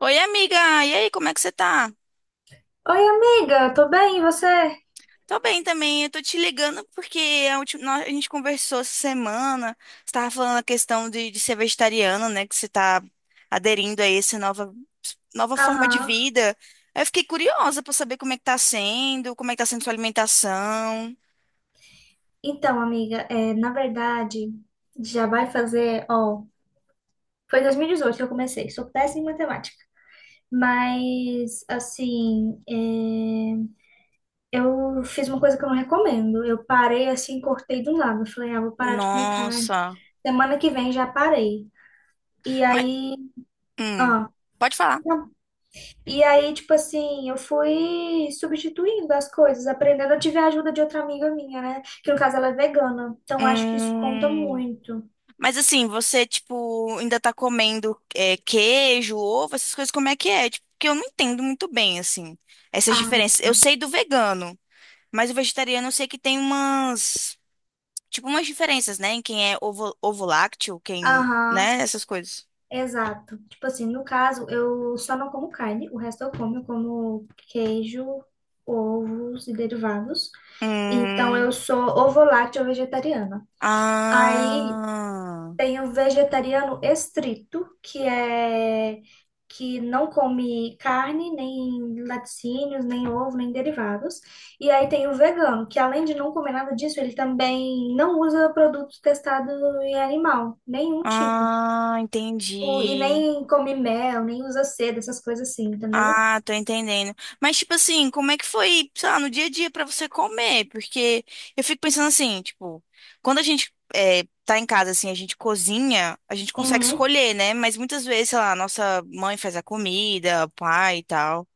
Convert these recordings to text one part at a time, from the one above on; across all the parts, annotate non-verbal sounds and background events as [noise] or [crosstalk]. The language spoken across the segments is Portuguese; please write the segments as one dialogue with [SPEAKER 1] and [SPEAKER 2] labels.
[SPEAKER 1] Oi, amiga! E aí, como é que você tá?
[SPEAKER 2] Oi, amiga, tô bem, e você?
[SPEAKER 1] Tô bem também, eu tô te ligando porque a última, a gente conversou essa semana, você tava falando a questão de ser vegetariano, né, que você tá aderindo a essa nova, nova forma de
[SPEAKER 2] Aham.
[SPEAKER 1] vida. Aí Eu fiquei curiosa pra saber como é que tá sendo, como é que tá sendo sua alimentação.
[SPEAKER 2] Então, amiga, é, na verdade, já vai fazer, ó, foi em 2018 que eu comecei, sou péssima em matemática, mas, assim, é, eu fiz uma coisa que eu não recomendo, eu parei, assim, cortei do nada, falei, ah, vou parar de comer carne,
[SPEAKER 1] Nossa!
[SPEAKER 2] semana que vem já parei, e
[SPEAKER 1] Mas,
[SPEAKER 2] aí,
[SPEAKER 1] hum,
[SPEAKER 2] ah,
[SPEAKER 1] pode falar.
[SPEAKER 2] não. E aí, tipo assim, eu fui substituindo as coisas, aprendendo. Eu tive a ajuda de outra amiga minha, né? Que no caso ela é vegana. Então acho que isso conta
[SPEAKER 1] Hum.
[SPEAKER 2] muito.
[SPEAKER 1] Mas assim, você, tipo, ainda tá comendo queijo, ovo, essas coisas, como é que é? Tipo, porque eu não entendo muito bem, assim, essas
[SPEAKER 2] Ah,
[SPEAKER 1] diferenças. Eu
[SPEAKER 2] sim.
[SPEAKER 1] sei do vegano, mas o vegetariano eu sei que tem umas, tipo, umas diferenças, né? Em quem é ovo, ovo lácteo, quem,
[SPEAKER 2] Aham,
[SPEAKER 1] né? Essas coisas.
[SPEAKER 2] exato. Tipo assim, no caso, eu só não como carne, o resto eu como. Eu como queijo, ovos e derivados. Então eu
[SPEAKER 1] Hum.
[SPEAKER 2] sou ovo-lácteo vegetariana. Aí
[SPEAKER 1] Ah.
[SPEAKER 2] tem o vegetariano estrito, que é que não come carne, nem laticínios, nem ovo, nem derivados. E aí tem o vegano, que além de não comer nada disso, ele também não usa produto testado em animal, nenhum tipo.
[SPEAKER 1] Ah,
[SPEAKER 2] Tipo, e
[SPEAKER 1] entendi.
[SPEAKER 2] nem come mel, nem usa seda, essas coisas assim, entendeu?
[SPEAKER 1] Ah, tô entendendo. Mas, tipo assim, como é que foi, sei lá, no dia a dia pra você comer? Porque eu fico pensando assim, tipo, quando tá em casa, assim, a gente cozinha, a gente consegue
[SPEAKER 2] Uhum.
[SPEAKER 1] escolher, né? Mas muitas vezes, sei lá, nossa mãe faz a comida, o pai e tal.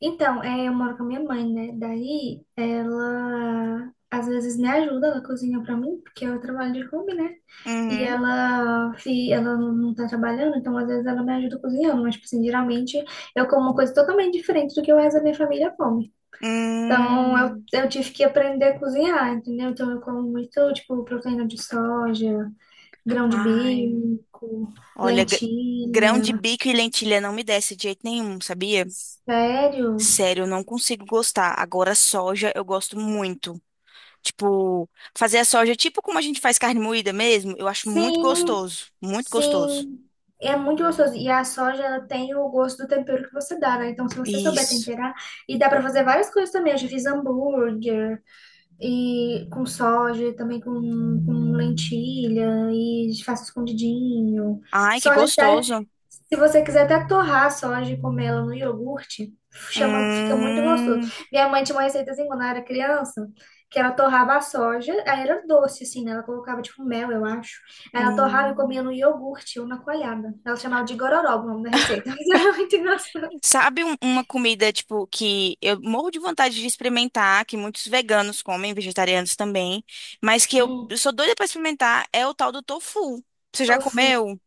[SPEAKER 2] Então, é, eu moro com a minha mãe, né? Daí ela às vezes me ajuda, ela cozinha pra mim, porque eu trabalho de home, né? E
[SPEAKER 1] Uhum.
[SPEAKER 2] ela, e ela não tá trabalhando, então às vezes ela me ajuda cozinhando, mas, tipo assim, geralmente eu como uma coisa totalmente diferente do que o resto da minha família come. Então eu,
[SPEAKER 1] Hum.
[SPEAKER 2] eu tive que aprender a cozinhar, entendeu? Então eu como muito, tipo, proteína de soja, grão de
[SPEAKER 1] Ai.
[SPEAKER 2] bico,
[SPEAKER 1] Olha, grão de
[SPEAKER 2] lentilha.
[SPEAKER 1] bico e lentilha não me desce de jeito nenhum, sabia?
[SPEAKER 2] Sério?
[SPEAKER 1] Sério, eu não consigo gostar. Agora, soja eu gosto muito. Tipo, fazer a soja, tipo como a gente faz carne moída mesmo, eu acho muito
[SPEAKER 2] Sim,
[SPEAKER 1] gostoso, muito gostoso.
[SPEAKER 2] sim. É muito gostoso. E a soja, ela tem o gosto do tempero que você dá, né? Então, se você souber
[SPEAKER 1] Isso.
[SPEAKER 2] temperar, e dá pra fazer várias coisas também. Eu já fiz hambúrguer. E com soja, também com lentilha e faço escondidinho.
[SPEAKER 1] Ai, que
[SPEAKER 2] Soja até,
[SPEAKER 1] gostoso.
[SPEAKER 2] se você quiser até torrar a soja e comer ela no iogurte, chama, fica muito gostoso.
[SPEAKER 1] Hum,
[SPEAKER 2] Minha mãe tinha uma receita assim quando ela era criança, que ela torrava a soja, aí era doce assim, né? Ela colocava tipo mel, eu acho. Aí ela torrava e comia
[SPEAKER 1] hum.
[SPEAKER 2] no iogurte ou na coalhada. Ela chamava de gororoba o nome da receita, [laughs] mas era muito engraçado.
[SPEAKER 1] Sabe uma comida, tipo, que eu morro de vontade de experimentar, que muitos veganos comem, vegetarianos também, mas que eu,
[SPEAKER 2] Hum,
[SPEAKER 1] eu sou doida pra experimentar, é o tal do tofu. Você já
[SPEAKER 2] tofu.
[SPEAKER 1] comeu?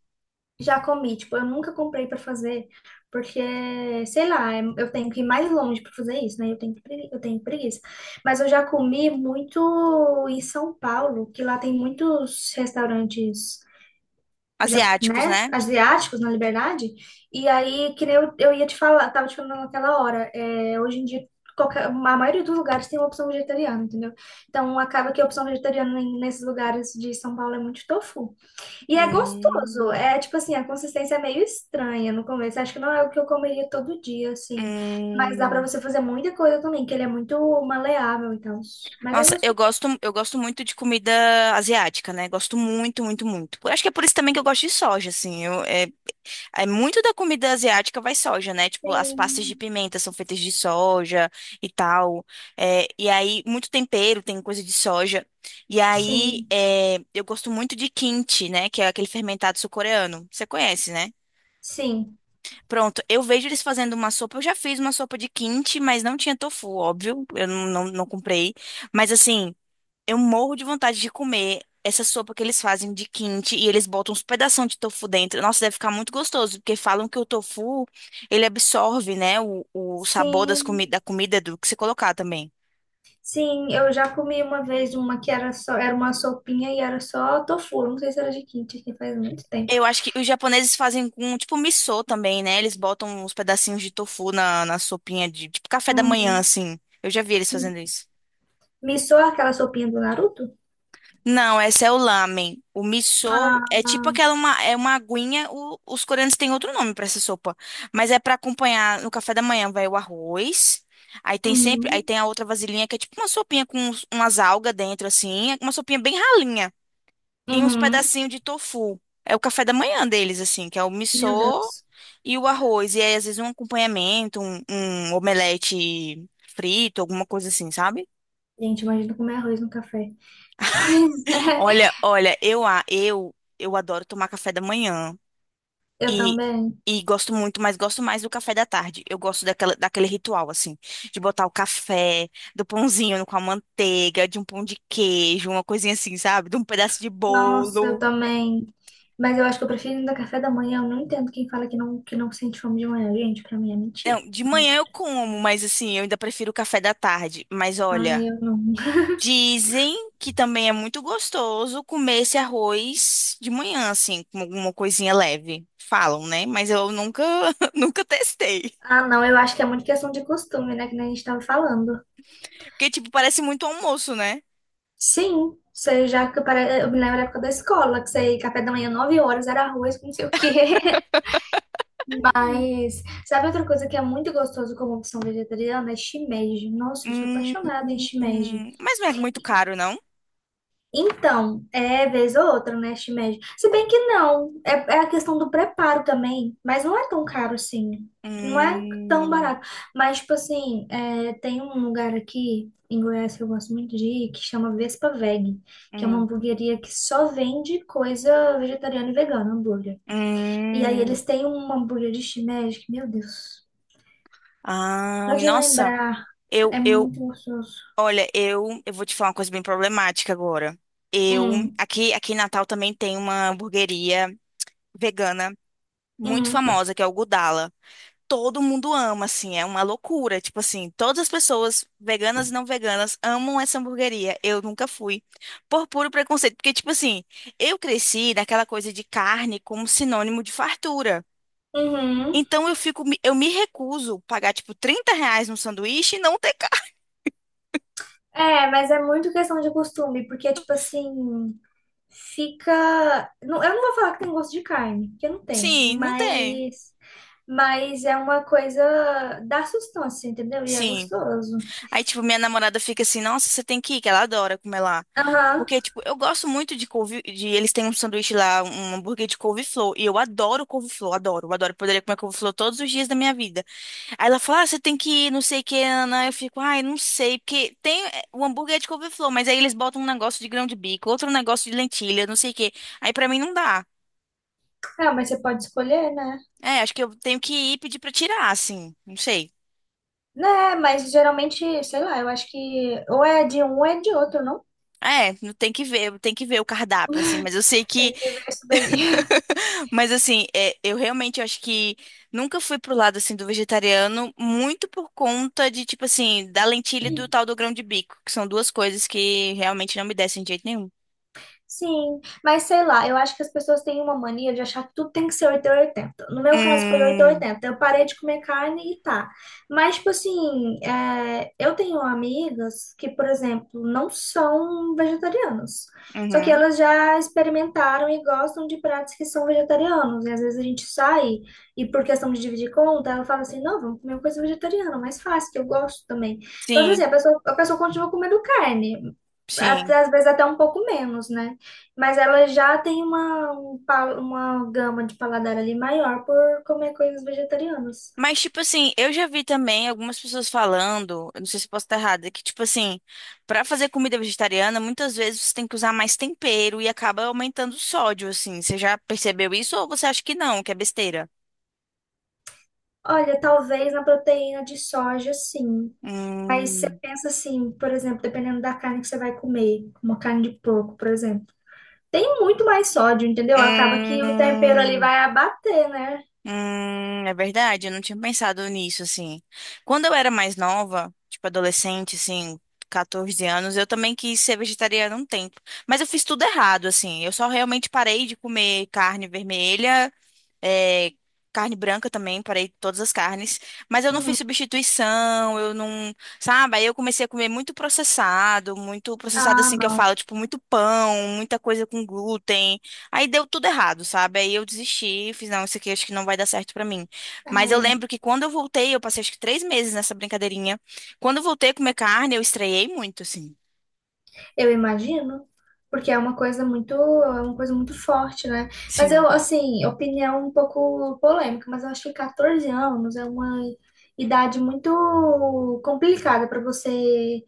[SPEAKER 2] Já comi, tipo, eu nunca comprei pra fazer, porque, sei lá, eu tenho que ir mais longe pra fazer isso, né? Eu tenho, eu tenho preguiça. Mas eu já comi muito em São Paulo, que lá tem muitos restaurantes, já,
[SPEAKER 1] Asiáticos,
[SPEAKER 2] né,
[SPEAKER 1] né?
[SPEAKER 2] asiáticos na Liberdade. E aí, que nem eu, eu ia te falar, tava te falando naquela hora, é, hoje em dia, qualquer, a maioria dos lugares tem uma opção vegetariana, entendeu? Então, acaba que a opção vegetariana nesses lugares de São Paulo é muito tofu. E é gostoso.
[SPEAKER 1] Hum,
[SPEAKER 2] É tipo assim, a consistência é meio estranha no começo. Acho que não é o que eu comeria todo dia, assim. Mas dá pra
[SPEAKER 1] hum.
[SPEAKER 2] você fazer muita coisa também, que ele é muito maleável e tal. Mas é
[SPEAKER 1] Nossa,
[SPEAKER 2] gostoso.
[SPEAKER 1] eu gosto muito de comida asiática, né? Gosto muito, muito, muito. Eu acho que é por isso também que eu gosto de soja, assim. É muito da comida asiática vai soja, né? Tipo, as pastas de
[SPEAKER 2] Sim,
[SPEAKER 1] pimenta são feitas de soja e tal. É, e aí, muito tempero tem coisa de soja. E aí,
[SPEAKER 2] sim,
[SPEAKER 1] é, eu gosto muito de kimchi, né? Que é aquele fermentado sul-coreano. Você conhece, né?
[SPEAKER 2] sim,
[SPEAKER 1] Pronto, eu vejo eles fazendo uma sopa. Eu já fiz uma sopa de kimchi, mas não tinha tofu, óbvio. Eu não comprei. Mas assim. Eu morro de vontade de comer essa sopa que eles fazem de quente e eles botam uns pedação de tofu dentro. Nossa, deve ficar muito gostoso, porque falam que o tofu, ele absorve, né, o sabor das
[SPEAKER 2] sim.
[SPEAKER 1] comi da comida do que você colocar também.
[SPEAKER 2] Sim, eu já comi uma vez uma que era só, era uma sopinha e era só tofu. Não sei se era de kimchi, que faz muito tempo.
[SPEAKER 1] Eu acho que os japoneses fazem com, tipo, missô também, né? Eles botam uns pedacinhos de tofu na sopinha de, tipo, café da manhã,
[SPEAKER 2] Uhum.
[SPEAKER 1] assim. Eu já vi eles fazendo isso.
[SPEAKER 2] Missou aquela sopinha do Naruto?
[SPEAKER 1] Não, essa é o lamen. O miso é tipo
[SPEAKER 2] Ah,
[SPEAKER 1] aquela uma, é uma aguinha. Os coreanos têm outro nome pra essa sopa, mas é pra acompanhar no café da manhã. Vai o arroz. Aí tem sempre, aí
[SPEAKER 2] uhum.
[SPEAKER 1] tem a outra vasilhinha que é tipo uma sopinha com umas algas dentro assim, é uma sopinha bem ralinha e uns
[SPEAKER 2] Uhum.
[SPEAKER 1] pedacinhos de tofu. É o café da manhã deles assim, que é o
[SPEAKER 2] Meu
[SPEAKER 1] miso
[SPEAKER 2] Deus.
[SPEAKER 1] e o arroz. E aí às vezes um acompanhamento, um omelete frito, alguma coisa assim, sabe?
[SPEAKER 2] Gente, imagina comer arroz no café. [laughs] Pois é,
[SPEAKER 1] Olha, olha, eu a eu eu adoro tomar café da manhã.
[SPEAKER 2] eu
[SPEAKER 1] E,
[SPEAKER 2] também.
[SPEAKER 1] e gosto muito, mas gosto mais do café da tarde. Eu gosto daquela, daquele ritual, assim, de botar o café, do pãozinho com a manteiga, de um pão de queijo, uma coisinha assim, sabe? De um pedaço de
[SPEAKER 2] Nossa, eu
[SPEAKER 1] bolo.
[SPEAKER 2] também. Mas eu acho que eu prefiro ainda café da manhã. Eu não entendo quem fala que não sente fome de manhã. Gente, pra mim é mentira.
[SPEAKER 1] Não, de manhã
[SPEAKER 2] Realmente.
[SPEAKER 1] eu como, mas assim, eu ainda prefiro o café da tarde. Mas
[SPEAKER 2] Ai,
[SPEAKER 1] olha,
[SPEAKER 2] eu não. [laughs]
[SPEAKER 1] dizem que também é muito gostoso comer esse arroz de manhã, assim, com alguma coisinha leve. Falam, né? Mas eu nunca, [laughs] nunca testei.
[SPEAKER 2] Ah, não, eu acho que é muito questão de costume, né? Que nem a gente tava falando.
[SPEAKER 1] Porque, tipo, parece muito almoço, né?
[SPEAKER 2] Sim, você já que eu me lembro da época da escola, que você ia café da manhã, 9 horas, era arroz com não sei o quê. [laughs] Mas sabe outra coisa que é muito gostoso como opção vegetariana? É shimeji. Nossa, eu sou
[SPEAKER 1] Hum,
[SPEAKER 2] apaixonada em shimeji.
[SPEAKER 1] mas não é muito caro, não?
[SPEAKER 2] Então, é vez ou outra, né, este médio. Se bem que não, é, é a questão do preparo também, mas não é tão caro assim, não é tão
[SPEAKER 1] Hum,
[SPEAKER 2] barato. Mas, tipo assim, é, tem um lugar aqui em Goiás que eu gosto muito de ir, que chama Vespa Veg, que é uma
[SPEAKER 1] hum,
[SPEAKER 2] hamburgueria que só vende coisa vegetariana e vegana, hambúrguer. E aí
[SPEAKER 1] hum.
[SPEAKER 2] eles têm um hambúrguer de shimeji, que, meu Deus,
[SPEAKER 1] Ai,
[SPEAKER 2] pode
[SPEAKER 1] nossa,
[SPEAKER 2] lembrar,
[SPEAKER 1] eu,
[SPEAKER 2] é
[SPEAKER 1] eu,
[SPEAKER 2] muito gostoso.
[SPEAKER 1] olha, eu vou te falar uma coisa bem problemática agora. Eu,
[SPEAKER 2] Hum,
[SPEAKER 1] aqui em Natal também tem uma hamburgueria vegana muito
[SPEAKER 2] uhum,
[SPEAKER 1] famosa, que é o Gudala. Todo mundo ama, assim, é uma loucura. Tipo assim, todas as pessoas, veganas e não veganas, amam essa hamburgueria. Eu nunca fui, por puro preconceito. Porque, tipo assim, eu cresci naquela coisa de carne como sinônimo de fartura.
[SPEAKER 2] uhum.
[SPEAKER 1] Então eu fico, eu me recuso pagar, tipo, 30 reais num sanduíche e não ter carne.
[SPEAKER 2] É, mas é muito questão de costume, porque, tipo assim, fica. Não, eu não vou falar que tem gosto de carne, porque não tem,
[SPEAKER 1] Sim, não tem.
[SPEAKER 2] mas. Mas é uma coisa dá sustância, entendeu? E é
[SPEAKER 1] Sim.
[SPEAKER 2] gostoso.
[SPEAKER 1] Aí, tipo, minha namorada fica assim, nossa, você tem que ir, que ela adora comer lá.
[SPEAKER 2] Aham.
[SPEAKER 1] Porque, tipo, eu gosto muito de couve, eles têm um sanduíche lá, um hambúrguer de couve-flor, e eu adoro couve-flor, adoro, adoro, eu poderia comer couve-flor todos os dias da minha vida. Aí ela fala, ah, você tem que ir, não sei o que, Ana, eu fico, ai, não sei, porque o hambúrguer é de couve-flor, mas aí eles botam um negócio de grão de bico, outro negócio de lentilha, não sei o que, aí pra mim não dá.
[SPEAKER 2] Ah, mas você pode escolher, né?
[SPEAKER 1] É, acho que eu tenho que ir pedir pra tirar, assim, não sei.
[SPEAKER 2] Né, mas geralmente, sei lá, eu acho que ou é de um ou é de outro, não?
[SPEAKER 1] É, não tem que ver, tem que ver o cardápio, assim,
[SPEAKER 2] [laughs]
[SPEAKER 1] mas eu sei que
[SPEAKER 2] Tem que ver isso daí.
[SPEAKER 1] [laughs] mas assim, é, eu realmente acho que nunca fui pro lado assim do vegetariano, muito por conta de tipo assim, da lentilha e do tal do grão de bico, que são duas coisas que realmente não me descem de jeito nenhum.
[SPEAKER 2] Sim, mas sei lá, eu acho que as pessoas têm uma mania de achar que tudo tem que ser 8 ou 80. No meu caso foi 8 ou
[SPEAKER 1] Hum,
[SPEAKER 2] 80. Eu parei de comer carne e tá. Mas, tipo assim, é, eu tenho amigas que, por exemplo, não são vegetarianas. Só que
[SPEAKER 1] uhum.
[SPEAKER 2] elas já experimentaram e gostam de pratos que são vegetarianos. E às vezes a gente sai e, por questão de dividir conta, ela fala assim: não, vamos comer uma coisa vegetariana, mais fácil, que eu gosto também. Então, tipo assim,
[SPEAKER 1] Sim,
[SPEAKER 2] a pessoa continua comendo carne. Até,
[SPEAKER 1] sim.
[SPEAKER 2] às vezes até um pouco menos, né? Mas ela já tem uma, uma gama de paladar ali maior por comer coisas vegetarianas.
[SPEAKER 1] Mas tipo assim, eu já vi também algumas pessoas falando, eu não sei se eu posso estar errada, que tipo assim, pra fazer comida vegetariana, muitas vezes você tem que usar mais tempero e acaba aumentando o sódio assim. Você já percebeu isso ou você acha que não, que é besteira?
[SPEAKER 2] Olha, talvez na proteína de soja, sim. Mas você
[SPEAKER 1] Hum.
[SPEAKER 2] pensa assim, por exemplo, dependendo da carne que você vai comer, uma carne de porco, por exemplo, tem muito mais sódio, entendeu? Acaba que o tempero ali
[SPEAKER 1] Hum,
[SPEAKER 2] vai abater, né?
[SPEAKER 1] é verdade, eu não tinha pensado nisso, assim. Quando eu era mais nova, tipo adolescente, assim, 14 anos, eu também quis ser vegetariana um tempo. Mas eu fiz tudo errado, assim. Eu só realmente parei de comer carne vermelha é, carne branca também, parei todas as carnes. Mas eu não fiz
[SPEAKER 2] Uhum.
[SPEAKER 1] substituição, eu não. Sabe? Aí eu comecei a comer muito processado
[SPEAKER 2] Ah,
[SPEAKER 1] assim que eu
[SPEAKER 2] não.
[SPEAKER 1] falo, tipo, muito pão, muita coisa com glúten. Aí deu tudo errado, sabe? Aí eu desisti, fiz, não, isso aqui acho que não vai dar certo pra mim. Mas eu
[SPEAKER 2] É.
[SPEAKER 1] lembro que quando eu voltei, eu passei acho que 3 meses nessa brincadeirinha. Quando eu voltei a comer carne, eu estranhei muito, assim.
[SPEAKER 2] Eu imagino, porque é uma coisa muito, é uma coisa muito forte, né? Mas eu,
[SPEAKER 1] Sim,
[SPEAKER 2] assim, opinião um pouco polêmica, mas eu acho que 14 anos é uma idade muito complicada para você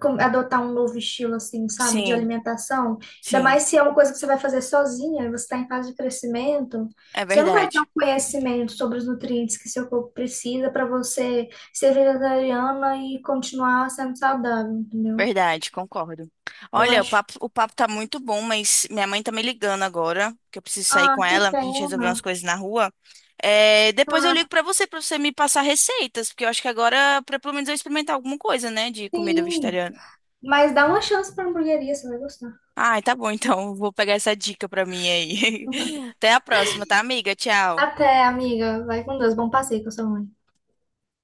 [SPEAKER 2] adotar um novo estilo, assim, sabe, de
[SPEAKER 1] sim,
[SPEAKER 2] alimentação. Ainda
[SPEAKER 1] sim.
[SPEAKER 2] mais se é uma coisa que você vai fazer sozinha, você está em fase de crescimento,
[SPEAKER 1] É
[SPEAKER 2] você não vai ter um
[SPEAKER 1] verdade.
[SPEAKER 2] conhecimento sobre os nutrientes que seu corpo precisa para você ser vegetariana e continuar sendo saudável, entendeu?
[SPEAKER 1] Verdade, concordo.
[SPEAKER 2] Eu
[SPEAKER 1] Olha,
[SPEAKER 2] acho.
[SPEAKER 1] o papo tá muito bom, mas minha mãe tá me ligando agora, que eu preciso sair
[SPEAKER 2] Ah,
[SPEAKER 1] com
[SPEAKER 2] que
[SPEAKER 1] ela pra gente resolver umas
[SPEAKER 2] pena.
[SPEAKER 1] coisas na rua. É, depois eu ligo
[SPEAKER 2] Ah,
[SPEAKER 1] pra você me passar receitas, porque eu acho que agora, pra, pelo menos eu experimentar alguma coisa, né, de comida
[SPEAKER 2] sim.
[SPEAKER 1] vegetariana.
[SPEAKER 2] Mas dá uma chance pra hamburgueria, você vai gostar.
[SPEAKER 1] Ai, tá bom, então, vou pegar essa dica pra mim aí. [laughs]
[SPEAKER 2] [laughs]
[SPEAKER 1] Até a próxima, tá, amiga? Tchau.
[SPEAKER 2] Até, amiga. Vai com Deus. Bom passeio com a sua mãe.